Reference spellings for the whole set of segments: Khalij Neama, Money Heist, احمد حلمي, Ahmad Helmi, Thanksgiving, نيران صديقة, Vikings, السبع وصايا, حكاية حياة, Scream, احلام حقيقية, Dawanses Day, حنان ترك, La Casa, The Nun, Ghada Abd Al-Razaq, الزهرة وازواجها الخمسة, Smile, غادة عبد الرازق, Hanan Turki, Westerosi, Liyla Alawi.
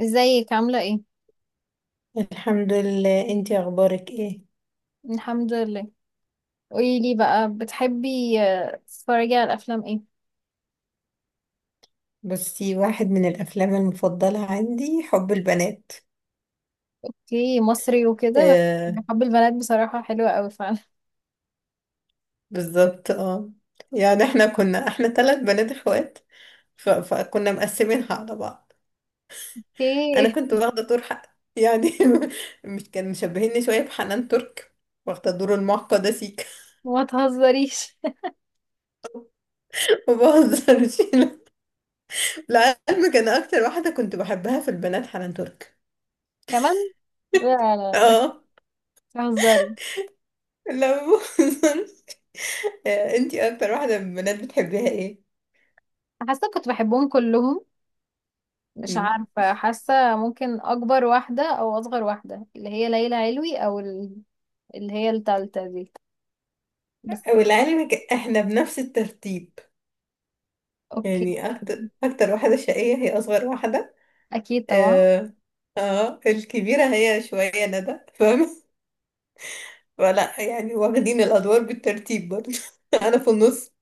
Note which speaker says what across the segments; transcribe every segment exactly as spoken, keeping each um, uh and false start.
Speaker 1: ازيك عاملة ايه؟
Speaker 2: الحمد لله، انتي اخبارك ايه؟
Speaker 1: الحمد لله. قولي لي بقى بتحبي آه، تتفرجي على الأفلام ايه؟
Speaker 2: بصي، واحد من الافلام المفضله عندي حب البنات.
Speaker 1: اوكي، مصري وكده. بس
Speaker 2: آه
Speaker 1: حب البنات بصراحة حلوة قوي فعلا.
Speaker 2: بالظبط اه. يعني احنا كنا احنا ثلاث بنات اخوات. ف... فكنا مقسمينها على بعض. انا
Speaker 1: اوكي.
Speaker 2: كنت واخده دور حق يعني. مش كان مشبهيني شويه بحنان ترك، واخده دور المعقده سيكا.
Speaker 1: ما تهزريش.
Speaker 2: ما بهزرش. لعلمك انا اكتر واحده كنت بحبها في البنات حنان ترك.
Speaker 1: كمان. لا لا لا،
Speaker 2: اه
Speaker 1: تهزري.
Speaker 2: لا بهزر. آه، انتي اكتر واحدة من البنات بتحبيها ايه؟
Speaker 1: حاسة كنت بحبهم كلهم. مش
Speaker 2: مم.
Speaker 1: عارفة، حاسة ممكن أكبر واحدة أو أصغر واحدة اللي هي ليلى علوي أو ال- اللي هي التالتة دي. بس.
Speaker 2: ولعلمك احنا بنفس الترتيب.
Speaker 1: اوكي.
Speaker 2: يعني اكتر اكتر واحدة شقية هي اصغر واحدة.
Speaker 1: أكيد طبعا.
Speaker 2: اه، آه الكبيرة هي شوية ندى فاهمة. ولا يعني واخدين الادوار بالترتيب برضه. انا في النص.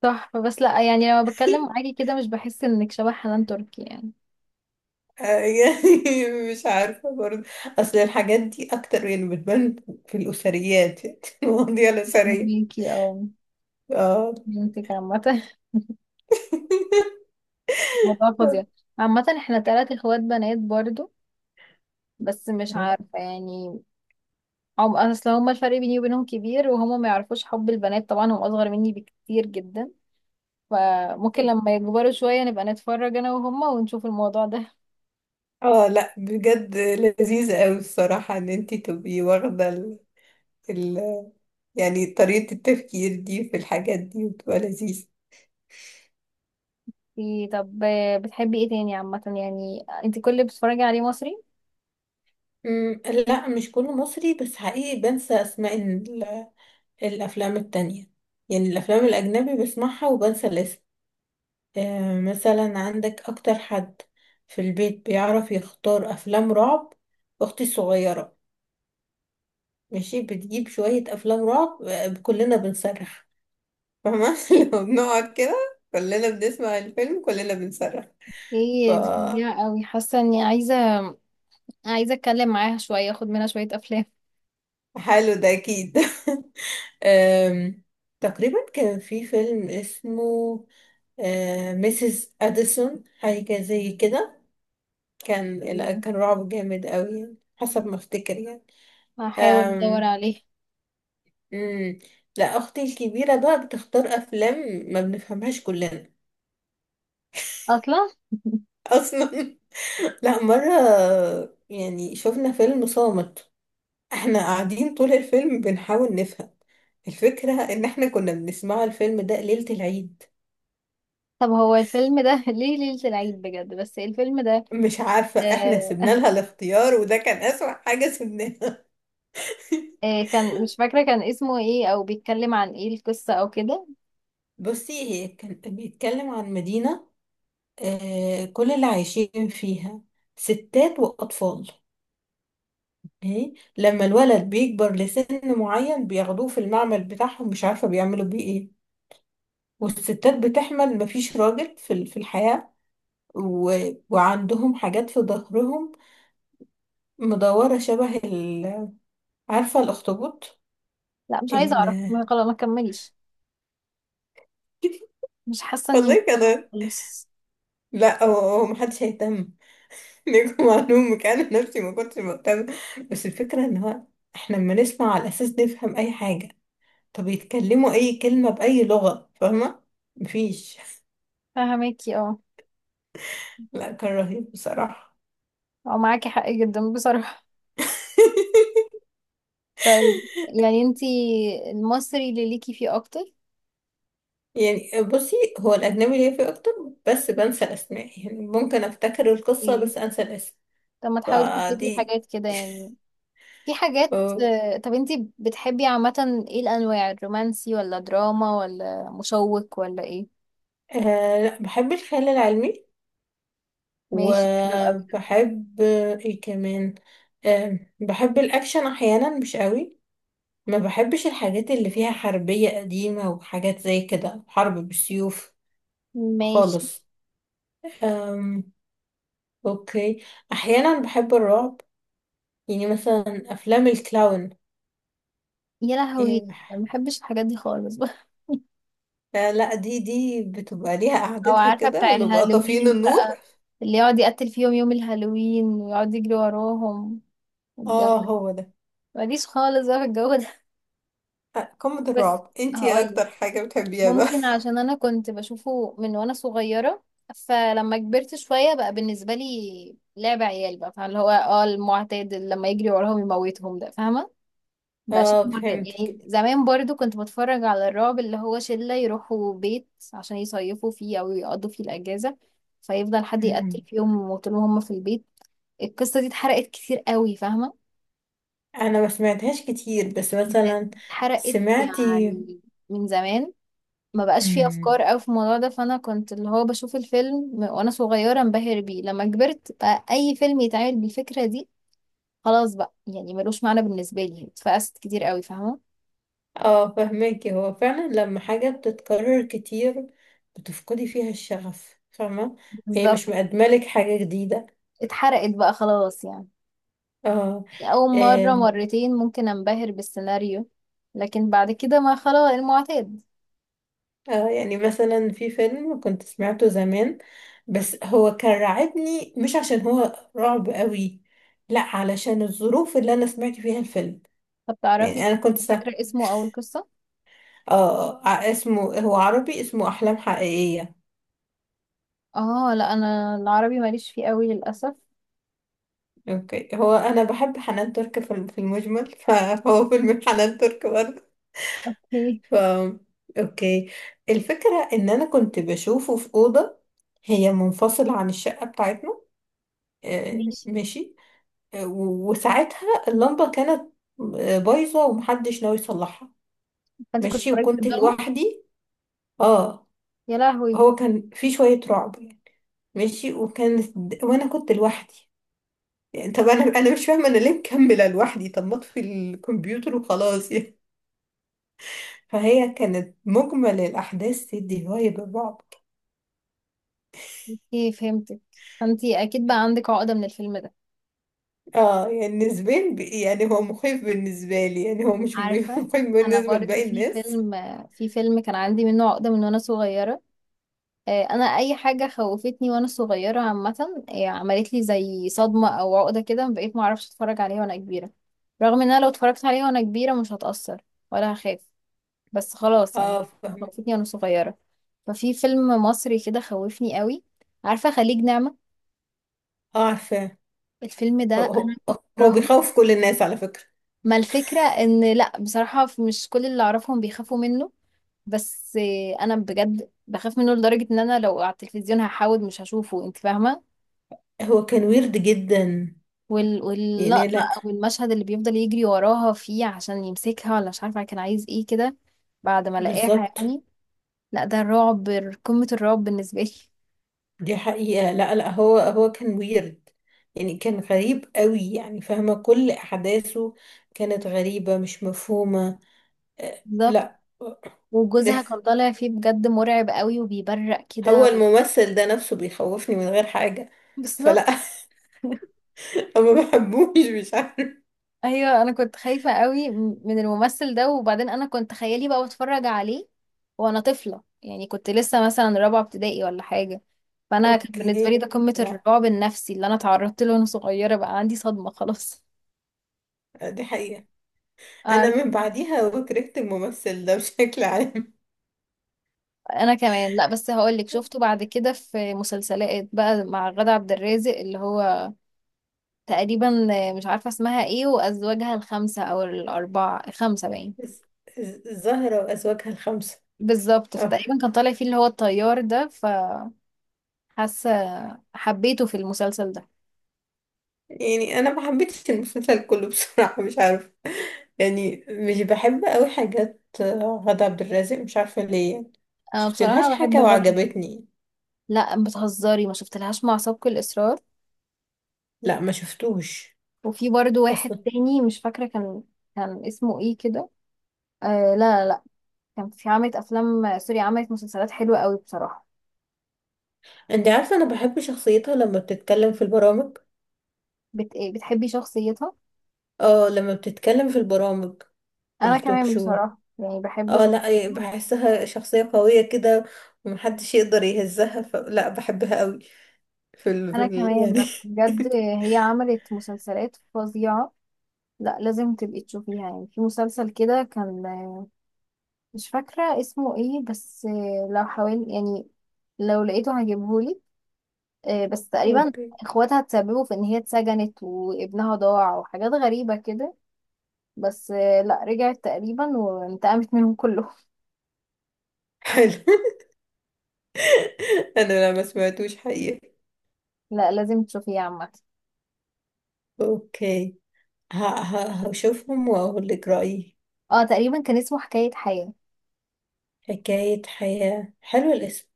Speaker 1: تحفة، بس لا يعني لما بتكلم معاكي كده مش بحس انك شبه حنان تركي يعني.
Speaker 2: آه، يعني مش عارفة برضه. أصل الحاجات دي أكتر يعني بتبان في الأسريات، يعني المواضيع الأسرية.
Speaker 1: ميكي او.
Speaker 2: اه.
Speaker 1: بنتك عامة. موضوع فظيع. عامة احنا تلات اخوات بنات برضو. بس مش عارفة يعني. هم اصل هما الفرق بيني وبينهم كبير وهما ما يعرفوش حب البنات طبعا، هم اصغر مني بكتير جدا. فممكن لما يكبروا شوية نبقى نتفرج انا وهما ونشوف الموضوع ده.
Speaker 2: اه لا بجد لذيذة قوي الصراحة ان انتي تبقي واخدة ال... ال... يعني طريقة التفكير دي في الحاجات دي، وتبقى لذيذة.
Speaker 1: إيه طب، آه، بتحبي ايه تاني عامة؟ يعني انت كل اللي بتتفرجي عليه مصري؟
Speaker 2: مم، لا مش كله مصري، بس حقيقي بنسى اسماء ال- الافلام التانية. يعني الافلام الاجنبي بسمعها وبنسى الاسم. آه مثلا عندك اكتر حد في البيت بيعرف يختار افلام رعب؟ اختي الصغيرة. ماشي، بتجيب شوية افلام رعب، آه، كلنا بنصرخ. فاهمة؟ لو بنقعد كده كلنا بنسمع الفيلم كلنا بنصرخ. ف
Speaker 1: ايه دي فظيعة قوي، حاسة اني عايزة عايزة اتكلم معاها شوية اخد منها شوية افلام.
Speaker 2: حلو ده أكيد. أم، تقريبا كان في فيلم اسمه ميسيس أديسون، حاجة زي كده. كان، لا،
Speaker 1: ايه،
Speaker 2: كان رعب جامد قوي يعني حسب ما افتكر يعني.
Speaker 1: هحاول ادور
Speaker 2: أم،
Speaker 1: عليه.
Speaker 2: مم. لا أختي الكبيرة بقى بتختار أفلام ما بنفهمهاش كلنا.
Speaker 1: اصلا.
Speaker 2: أصلا. لا مرة يعني شفنا فيلم صامت، احنا قاعدين طول الفيلم بنحاول نفهم. الفكرة ان احنا كنا بنسمعه الفيلم ده ليلة العيد.
Speaker 1: طب هو الفيلم ده ليه ليلة العيد بجد؟ بس الفيلم ده
Speaker 2: مش عارفة، احنا سيبنا
Speaker 1: آه
Speaker 2: لها الاختيار وده كان اسوأ حاجة سيبناها.
Speaker 1: آه كان مش فاكرة كان اسمه ايه او بيتكلم عن ايه القصة او كده.
Speaker 2: بصي هي كان بيتكلم عن مدينة، آه، كل اللي عايشين فيها ستات وأطفال. إيه؟ لما الولد بيكبر لسن معين بياخدوه في المعمل بتاعهم، مش عارفة بيعملوا بيه ايه. والستات بتحمل، مفيش راجل في ال- في الحياة. و... وعندهم حاجات في ظهرهم مدورة شبه ال... عارفة الأخطبوط؟
Speaker 1: لا مش عايزة اعرف،
Speaker 2: ال...
Speaker 1: ما خلاص ما كمليش. مش حاسة اني
Speaker 2: والله
Speaker 1: مهتمة
Speaker 2: كده.
Speaker 1: خالص.
Speaker 2: لا هو هو محدش هيهتم. ليكم معلومة أنا نفسي ما كنتش مهتمة. بس الفكرة إن هو، إحنا لما نسمع على أساس نفهم أي حاجة، طب يتكلموا أي كلمة بأي لغة، فاهمة؟ مفيش.
Speaker 1: فهماكي اه.
Speaker 2: لا كان رهيب بصراحة.
Speaker 1: او معاكي حق جدا بصراحة. طيب، يعني انتي المصري اللي ليكي فيه اكتر؟
Speaker 2: يعني بصي هو الأجنبي ليا فيه أكتر، بس بنسى الأسماء. يعني ممكن أفتكر القصة
Speaker 1: ايه
Speaker 2: بس أنسى الاسم.
Speaker 1: طب ما تحاولي تفتكري
Speaker 2: فدي.
Speaker 1: حاجات كده يعني. في حاجات.
Speaker 2: أه.
Speaker 1: آه، طب انتي بتحبي عامة ايه، الانواع الرومانسي ولا دراما ولا مشوق ولا ايه؟
Speaker 2: آه، لا بحب الخيال العلمي،
Speaker 1: ماشي، حلو قوي.
Speaker 2: وبحب ايه كمان، آم، بحب الاكشن احيانا مش قوي. ما بحبش الحاجات اللي فيها حربية قديمة وحاجات زي كده، حرب بالسيوف
Speaker 1: ماشي.
Speaker 2: خالص. أم، اوكي. احيانا بحب الرعب، يعني مثلا افلام الكلاون.
Speaker 1: يا
Speaker 2: يعني
Speaker 1: لهوي، ما
Speaker 2: بح-
Speaker 1: بحبش الحاجات دي خالص بقى.
Speaker 2: آه، لا دي دي بتبقى ليها
Speaker 1: او
Speaker 2: قعدتها
Speaker 1: عارفه
Speaker 2: كده،
Speaker 1: بتاع
Speaker 2: ونبقى طافيين
Speaker 1: الهالوين
Speaker 2: النور.
Speaker 1: بقى، اللي يقعد يقتل فيهم يوم الهالوين ويقعد يجري وراهم والجو
Speaker 2: اه
Speaker 1: ده.
Speaker 2: هو ده.
Speaker 1: ماليش خالص بقى في الجو ده.
Speaker 2: آه، قمة
Speaker 1: بس
Speaker 2: الرعب. انتي إيه
Speaker 1: هقولك،
Speaker 2: اكتر حاجة بتحبيها بقى؟
Speaker 1: ممكن عشان انا كنت بشوفه من وانا صغيره، فلما كبرت شويه بقى بالنسبه لي لعب عيال بقى، فاللي هو اه المعتاد اللي لما يجري وراهم يموتهم ده، فاهمه. بقى شيء
Speaker 2: اه
Speaker 1: معتاد يعني،
Speaker 2: فهمتك.
Speaker 1: زمان برضو كنت بتفرج على الرعب اللي هو شلة يروحوا بيت عشان يصيفوا فيه أو يقضوا فيه الأجازة فيفضل حد يقتل
Speaker 2: مم.
Speaker 1: فيهم وطول ما هم في البيت. القصة دي اتحرقت كتير قوي، فاهمة.
Speaker 2: انا ما سمعتهاش كتير، بس مثلا
Speaker 1: اتحرقت
Speaker 2: سمعتي.
Speaker 1: يعني من زمان، ما بقاش فيه
Speaker 2: مم.
Speaker 1: أفكار أوي في الموضوع ده، فأنا كنت اللي هو بشوف الفيلم من- وأنا صغيرة انبهر بيه، لما كبرت بقى أي فيلم يتعمل بالفكرة دي خلاص بقى يعني ملوش معنى بالنسبة لي، اتفقست كتير قوي فاهمة.
Speaker 2: اه فهماكي. هو فعلا لما حاجة بتتكرر كتير بتفقدي فيها الشغف، فاهمة؟ هي مش
Speaker 1: بالظبط.
Speaker 2: مقدملك حاجة جديدة.
Speaker 1: اتحرقت بقى خلاص يعني.
Speaker 2: اه.
Speaker 1: أول مرة
Speaker 2: آم،
Speaker 1: مرتين ممكن أنبهر بالسيناريو، لكن بعد كده ما خلاص المعتاد.
Speaker 2: اه يعني مثلا في فيلم كنت سمعته زمان، بس هو كان رعبني مش عشان هو رعب قوي، لا علشان الظروف اللي انا سمعت فيها الفيلم.
Speaker 1: طب تعرفي،
Speaker 2: يعني انا كنت سا...
Speaker 1: فاكرة اسمه أو القصة؟
Speaker 2: اه، آه، آه، اسمه، هو عربي، اسمه احلام حقيقية.
Speaker 1: اه لا، أنا العربي ماليش فيه قوي للأسف.
Speaker 2: اوكي، هو انا بحب حنان ترك في الم- في المجمل، فهو فيلم حنان ترك برضه.
Speaker 1: اوكي.
Speaker 2: ف اوكي. الفكرة ان انا كنت بشوفه في اوضة هي منفصلة عن الشقة بتاعتنا. آه،
Speaker 1: ماشي.
Speaker 2: ماشي. آه، و- وساعتها اللمبة كانت، آه، بايظة ومحدش ناوي يصلحها.
Speaker 1: فأنت كنت
Speaker 2: ماشي
Speaker 1: اتفرجت في
Speaker 2: وكنت
Speaker 1: الضلمة؟
Speaker 2: لوحدي. اه.
Speaker 1: يا لهوي.
Speaker 2: هو كان في شوية رعب يعني. ماشي، وكانت د- وانا كنت لوحدي. يعني طب انا انا مش فاهمة انا ليه مكملة لوحدي، طب ما اطفي الكمبيوتر وخلاص يعني. فهي كانت مجمل الأحداث تدي فايب الرعب.
Speaker 1: اوكي فهمتك، فأنت أكيد بقى عندك عقدة من الفيلم ده.
Speaker 2: اه يعني نسبيا ب- يعني هو مخيف بالنسبة لي، يعني هو مش م-
Speaker 1: عارفة،
Speaker 2: مخيف
Speaker 1: أنا
Speaker 2: بالنسبة
Speaker 1: برضو
Speaker 2: لباقي
Speaker 1: في
Speaker 2: الناس.
Speaker 1: فيلم في فيلم كان عندي منه عقدة من وأنا صغيرة. آه، انا اي حاجه خوفتني وانا صغيره عامه آه، عملت لي زي صدمه او عقده كده، بقيت ما اعرفش اتفرج عليها وانا كبيره. رغم ان انا لو اتفرجت عليها وانا كبيره مش هتاثر ولا هخاف، بس خلاص يعني،
Speaker 2: اه فاهمة.
Speaker 1: خوفتني وانا صغيره. ففي فيلم مصري كده خوفني قوي، عارفه خليج نعمه؟
Speaker 2: اه عارفة.
Speaker 1: الفيلم ده
Speaker 2: هو, هو
Speaker 1: انا
Speaker 2: هو
Speaker 1: بكرهه.
Speaker 2: بيخوف كل الناس على فكرة.
Speaker 1: ما الفكره ان لا بصراحه مش كل اللي اعرفهم بيخافوا منه، بس آه، انا بجد بخاف منه لدرجه ان انا لو على التلفزيون هحاول مش هشوفه، انت فاهمه؟
Speaker 2: هو كان ويرد جدا
Speaker 1: وال...
Speaker 2: يعني.
Speaker 1: واللقطة
Speaker 2: لا
Speaker 1: أو المشهد اللي بيفضل يجري وراها فيه عشان يمسكها، ولا مش عارفة كان عايز ايه كده بعد ما لقاها
Speaker 2: بالظبط،
Speaker 1: يعني. لا ده الرعب، قمة الرعب بالنسبة لي.
Speaker 2: دي حقيقة. لا لا هو هو كان ويرد، يعني كان غريب قوي يعني، فاهمة؟ كل أحداثه كانت غريبة مش مفهومة. آه
Speaker 1: بالظبط.
Speaker 2: لا.
Speaker 1: وجوزها كان طالع فيه بجد مرعب قوي وبيبرق كده
Speaker 2: هو
Speaker 1: و...
Speaker 2: الممثل ده نفسه بيخوفني من غير حاجة.
Speaker 1: بالظبط.
Speaker 2: فلا. ما بحبوش مش عارف.
Speaker 1: ايوه انا كنت خايفة قوي م- من الممثل ده، وبعدين انا كنت خيالي بقى بتفرج عليه وانا طفلة يعني كنت لسه مثلا رابعة ابتدائي ولا حاجة. فانا كان
Speaker 2: اوكي.
Speaker 1: بالنسبة لي ده قمة
Speaker 2: لا
Speaker 1: الرعب النفسي اللي انا اتعرضت له وانا صغيرة بقى عندي صدمة خلاص.
Speaker 2: دي حقيقة. انا
Speaker 1: اعرف.
Speaker 2: من بعديها وكرهت الممثل ده بشكل عام.
Speaker 1: انا كمان. لا بس هقولك، شفته بعد كده في مسلسلات بقى مع غادة عبد الرازق اللي هو تقريبا مش عارفه اسمها ايه وازواجها الخمسه او الاربعه الخمسه باين.
Speaker 2: الز- الز- الزهرة وازواجها الخمسة.
Speaker 1: بالظبط،
Speaker 2: اه
Speaker 1: فتقريبا كان طالع فيه اللي هو الطيار ده فحاسه حبيته في المسلسل ده.
Speaker 2: يعني انا ما حبيتش المسلسل كله بصراحة، مش عارفة. يعني مش بحب قوي حاجات غادة عبد الرازق، مش عارفة ليه يعني.
Speaker 1: انا
Speaker 2: شفت لهاش
Speaker 1: بصراحه بحب
Speaker 2: حاجة
Speaker 1: غادة.
Speaker 2: وعجبتني.
Speaker 1: لا بتهزري، ما شفتلهاش مع سبق الاصرار.
Speaker 2: لا ما شفتوش
Speaker 1: وفي برضو واحد
Speaker 2: اصلا.
Speaker 1: تاني مش فاكره كان كان اسمه ايه كده. آه لا لا، كان في عملت افلام سوري، عملت مسلسلات حلوه قوي بصراحه.
Speaker 2: انت عارفة انا بحب شخصيتها لما بتتكلم في البرامج.
Speaker 1: بت... إيه، بتحبي شخصيتها؟
Speaker 2: اه لما بتتكلم في البرامج،
Speaker 1: انا
Speaker 2: التوك
Speaker 1: كمان
Speaker 2: شو.
Speaker 1: بصراحة يعني بحب
Speaker 2: اه لا إيه،
Speaker 1: شخصيتها.
Speaker 2: بحسها شخصية قوية كده ومحدش يقدر يهزها. ف... لا بحبها قوي في ال... في
Speaker 1: انا
Speaker 2: ال...
Speaker 1: كمان،
Speaker 2: يعني.
Speaker 1: بس بجد هي عملت مسلسلات فظيعة. لا لازم تبقي تشوفيها، يعني في مسلسل كده كان مش فاكرة اسمه ايه، بس لو حاول يعني لو لقيته هجيبهولك. آه، بس تقريبا
Speaker 2: اوكي.
Speaker 1: اخواتها تسببوا في ان هي اتسجنت وابنها ضاع وحاجات غريبة كده، بس آه، لا رجعت تقريبا وانتقمت منهم كلهم.
Speaker 2: حلو. انا لا ما سمعتوش حقيقة.
Speaker 1: لا لازم تشوفيه عامة.
Speaker 2: اوكي. ه... ه... هشوفهم واقول لك رأيي.
Speaker 1: اه تقريبا كان اسمه حكاية حياة.
Speaker 2: حكاية حياة، حلو الاسم.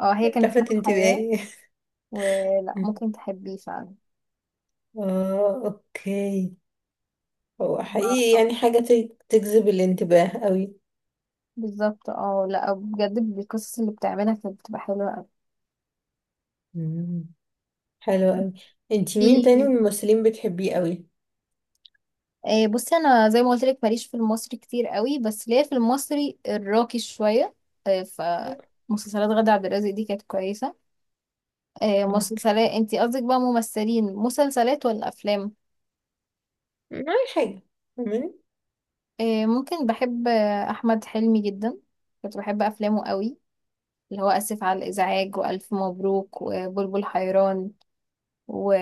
Speaker 1: اه هي كانت اسمها
Speaker 2: لفت
Speaker 1: حياة.
Speaker 2: انتباهي.
Speaker 1: ولا ممكن تحبيه فعلا.
Speaker 2: اه اوكي. هو حقيقي
Speaker 1: ما-
Speaker 2: يعني حاجة ت- تجذب الانتباه قوي.
Speaker 1: بالظبط. اه لا بجد القصص اللي بتعملها كانت بتبقى حلوة قوي.
Speaker 2: مم. حلو قوي. انتي مين تاني من
Speaker 1: في
Speaker 2: الممثلين بتحبيه قوي؟
Speaker 1: آه، بصي انا زي ما قلت لك ماليش في المصري كتير قوي بس ليا في المصري الراقي شوية. آه، ف مسلسلات غادة عبد الرازق دي كانت كويسة. آه،
Speaker 2: اوكي.
Speaker 1: مسلسلات انتي قصدك بقى، ممثلين مسلسلات ولا افلام؟
Speaker 2: ما أي حاجة، فاهماني؟
Speaker 1: آه، ممكن بحب آه، احمد حلمي جدا، كنت بحب افلامه قوي، اللي هو اسف على الازعاج والف مبروك وبلبل حيران و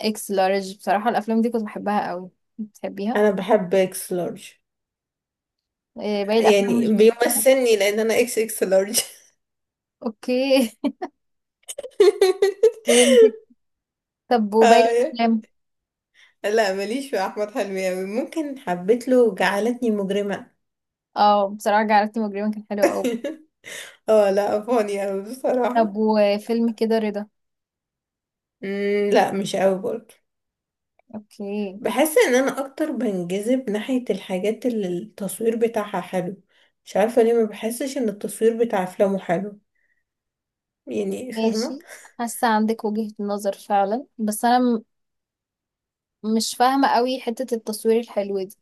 Speaker 1: اكس لارج. بصراحة الافلام دي كنت بحبها قوي. بتحبيها؟
Speaker 2: انا بحب اكس لارج.
Speaker 1: إيه، باقي الافلام
Speaker 2: يعني
Speaker 1: مش بس.
Speaker 2: بيمثلني لان انا اكس اكس لارج.
Speaker 1: اوكي، فهمتك. طب وباقي
Speaker 2: آه،
Speaker 1: الافلام؟
Speaker 2: لا ماليش في احمد حلمي قوي. ممكن حبيت له جعلتني مجرمة.
Speaker 1: اه بصراحة جعلتني مجرما كان حلو قوي.
Speaker 2: اه لا فاني قوي
Speaker 1: طب
Speaker 2: بصراحة.
Speaker 1: وفيلم كده رضا؟
Speaker 2: مم، لا مش قوي برضه.
Speaker 1: اوكي.
Speaker 2: بحس ان انا اكتر بنجذب ناحية الحاجات اللي التصوير بتاعها حلو. مش عارفة ليه ما بحسش ان التصوير بتاع افلامه حلو، يعني فاهمة؟
Speaker 1: ماشي. حاسة عندك وجهة نظر فعلا، بس انا م- مش فاهمة قوي حتة التصوير الحلو دي.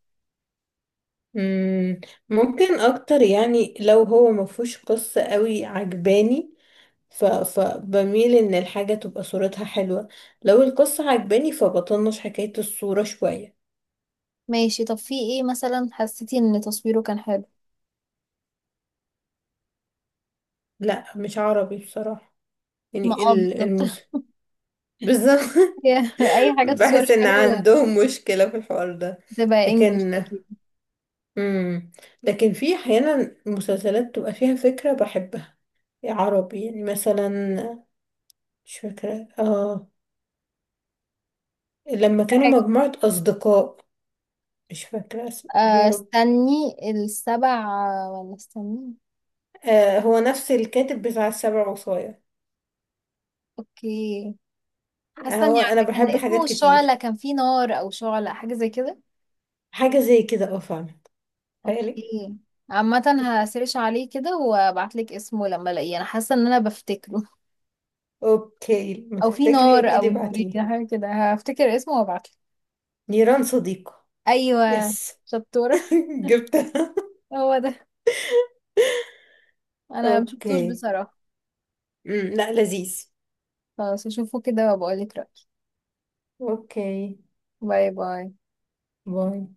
Speaker 2: مم، ممكن اكتر يعني لو هو ما فيهوش قصة قوي عجباني، ف... فبميل ان الحاجة تبقى صورتها حلوة. لو القصة عجباني فبطنش حكاية الصورة شوية.
Speaker 1: ماشي، طب في ايه مثلا حسيتي ان تصويره كان حلو؟
Speaker 2: لا مش عربي بصراحة.
Speaker 1: ما
Speaker 2: يعني
Speaker 1: اه
Speaker 2: ال- المس،
Speaker 1: بالظبط.
Speaker 2: بالظبط.
Speaker 1: اي حاجة
Speaker 2: بحس
Speaker 1: تصويرها
Speaker 2: ان
Speaker 1: حلو
Speaker 2: عندهم مشكلة في الحوار ده.
Speaker 1: تبقى انجلش
Speaker 2: لكن
Speaker 1: اكيد.
Speaker 2: امم، لكن في احيانا مسلسلات بتبقى فيها فكره بحبها عربي، يعني مثلا مش فاكره، اه لما كانوا مجموعه اصدقاء. مش فاكره اسمه يا
Speaker 1: آه،
Speaker 2: رب.
Speaker 1: استني السبع، ولا استني.
Speaker 2: آه هو نفس الكاتب بتاع السبع وصايا.
Speaker 1: اوكي،
Speaker 2: آه
Speaker 1: حاسه
Speaker 2: هو
Speaker 1: اني
Speaker 2: انا
Speaker 1: عارفه كان
Speaker 2: بحب
Speaker 1: اسمه
Speaker 2: حاجات كتير
Speaker 1: الشعلة، كان فيه نار او شعلة حاجه زي كده.
Speaker 2: حاجه زي كده اه فاهمه. تخيلي.
Speaker 1: اوكي عامه، هسيرش عليه كده وابعتلك اسمه لما الاقيه، انا حاسه ان انا بفتكره.
Speaker 2: اوكي، ما
Speaker 1: او في
Speaker 2: تفتكري
Speaker 1: نار
Speaker 2: اكيد
Speaker 1: او
Speaker 2: ابعتيلي.
Speaker 1: نورية حاجه كده، هفتكر اسمه وابعتلك.
Speaker 2: نيران صديقه.
Speaker 1: ايوه،
Speaker 2: يس.
Speaker 1: شطوره.
Speaker 2: جبتها.
Speaker 1: هو ده. انا مشفتوش
Speaker 2: اوكي.
Speaker 1: بصراحه.
Speaker 2: امم، لا لذيذ.
Speaker 1: خلاص اشوفه كده وبقولك رأيي.
Speaker 2: اوكي،
Speaker 1: باي باي.
Speaker 2: باي.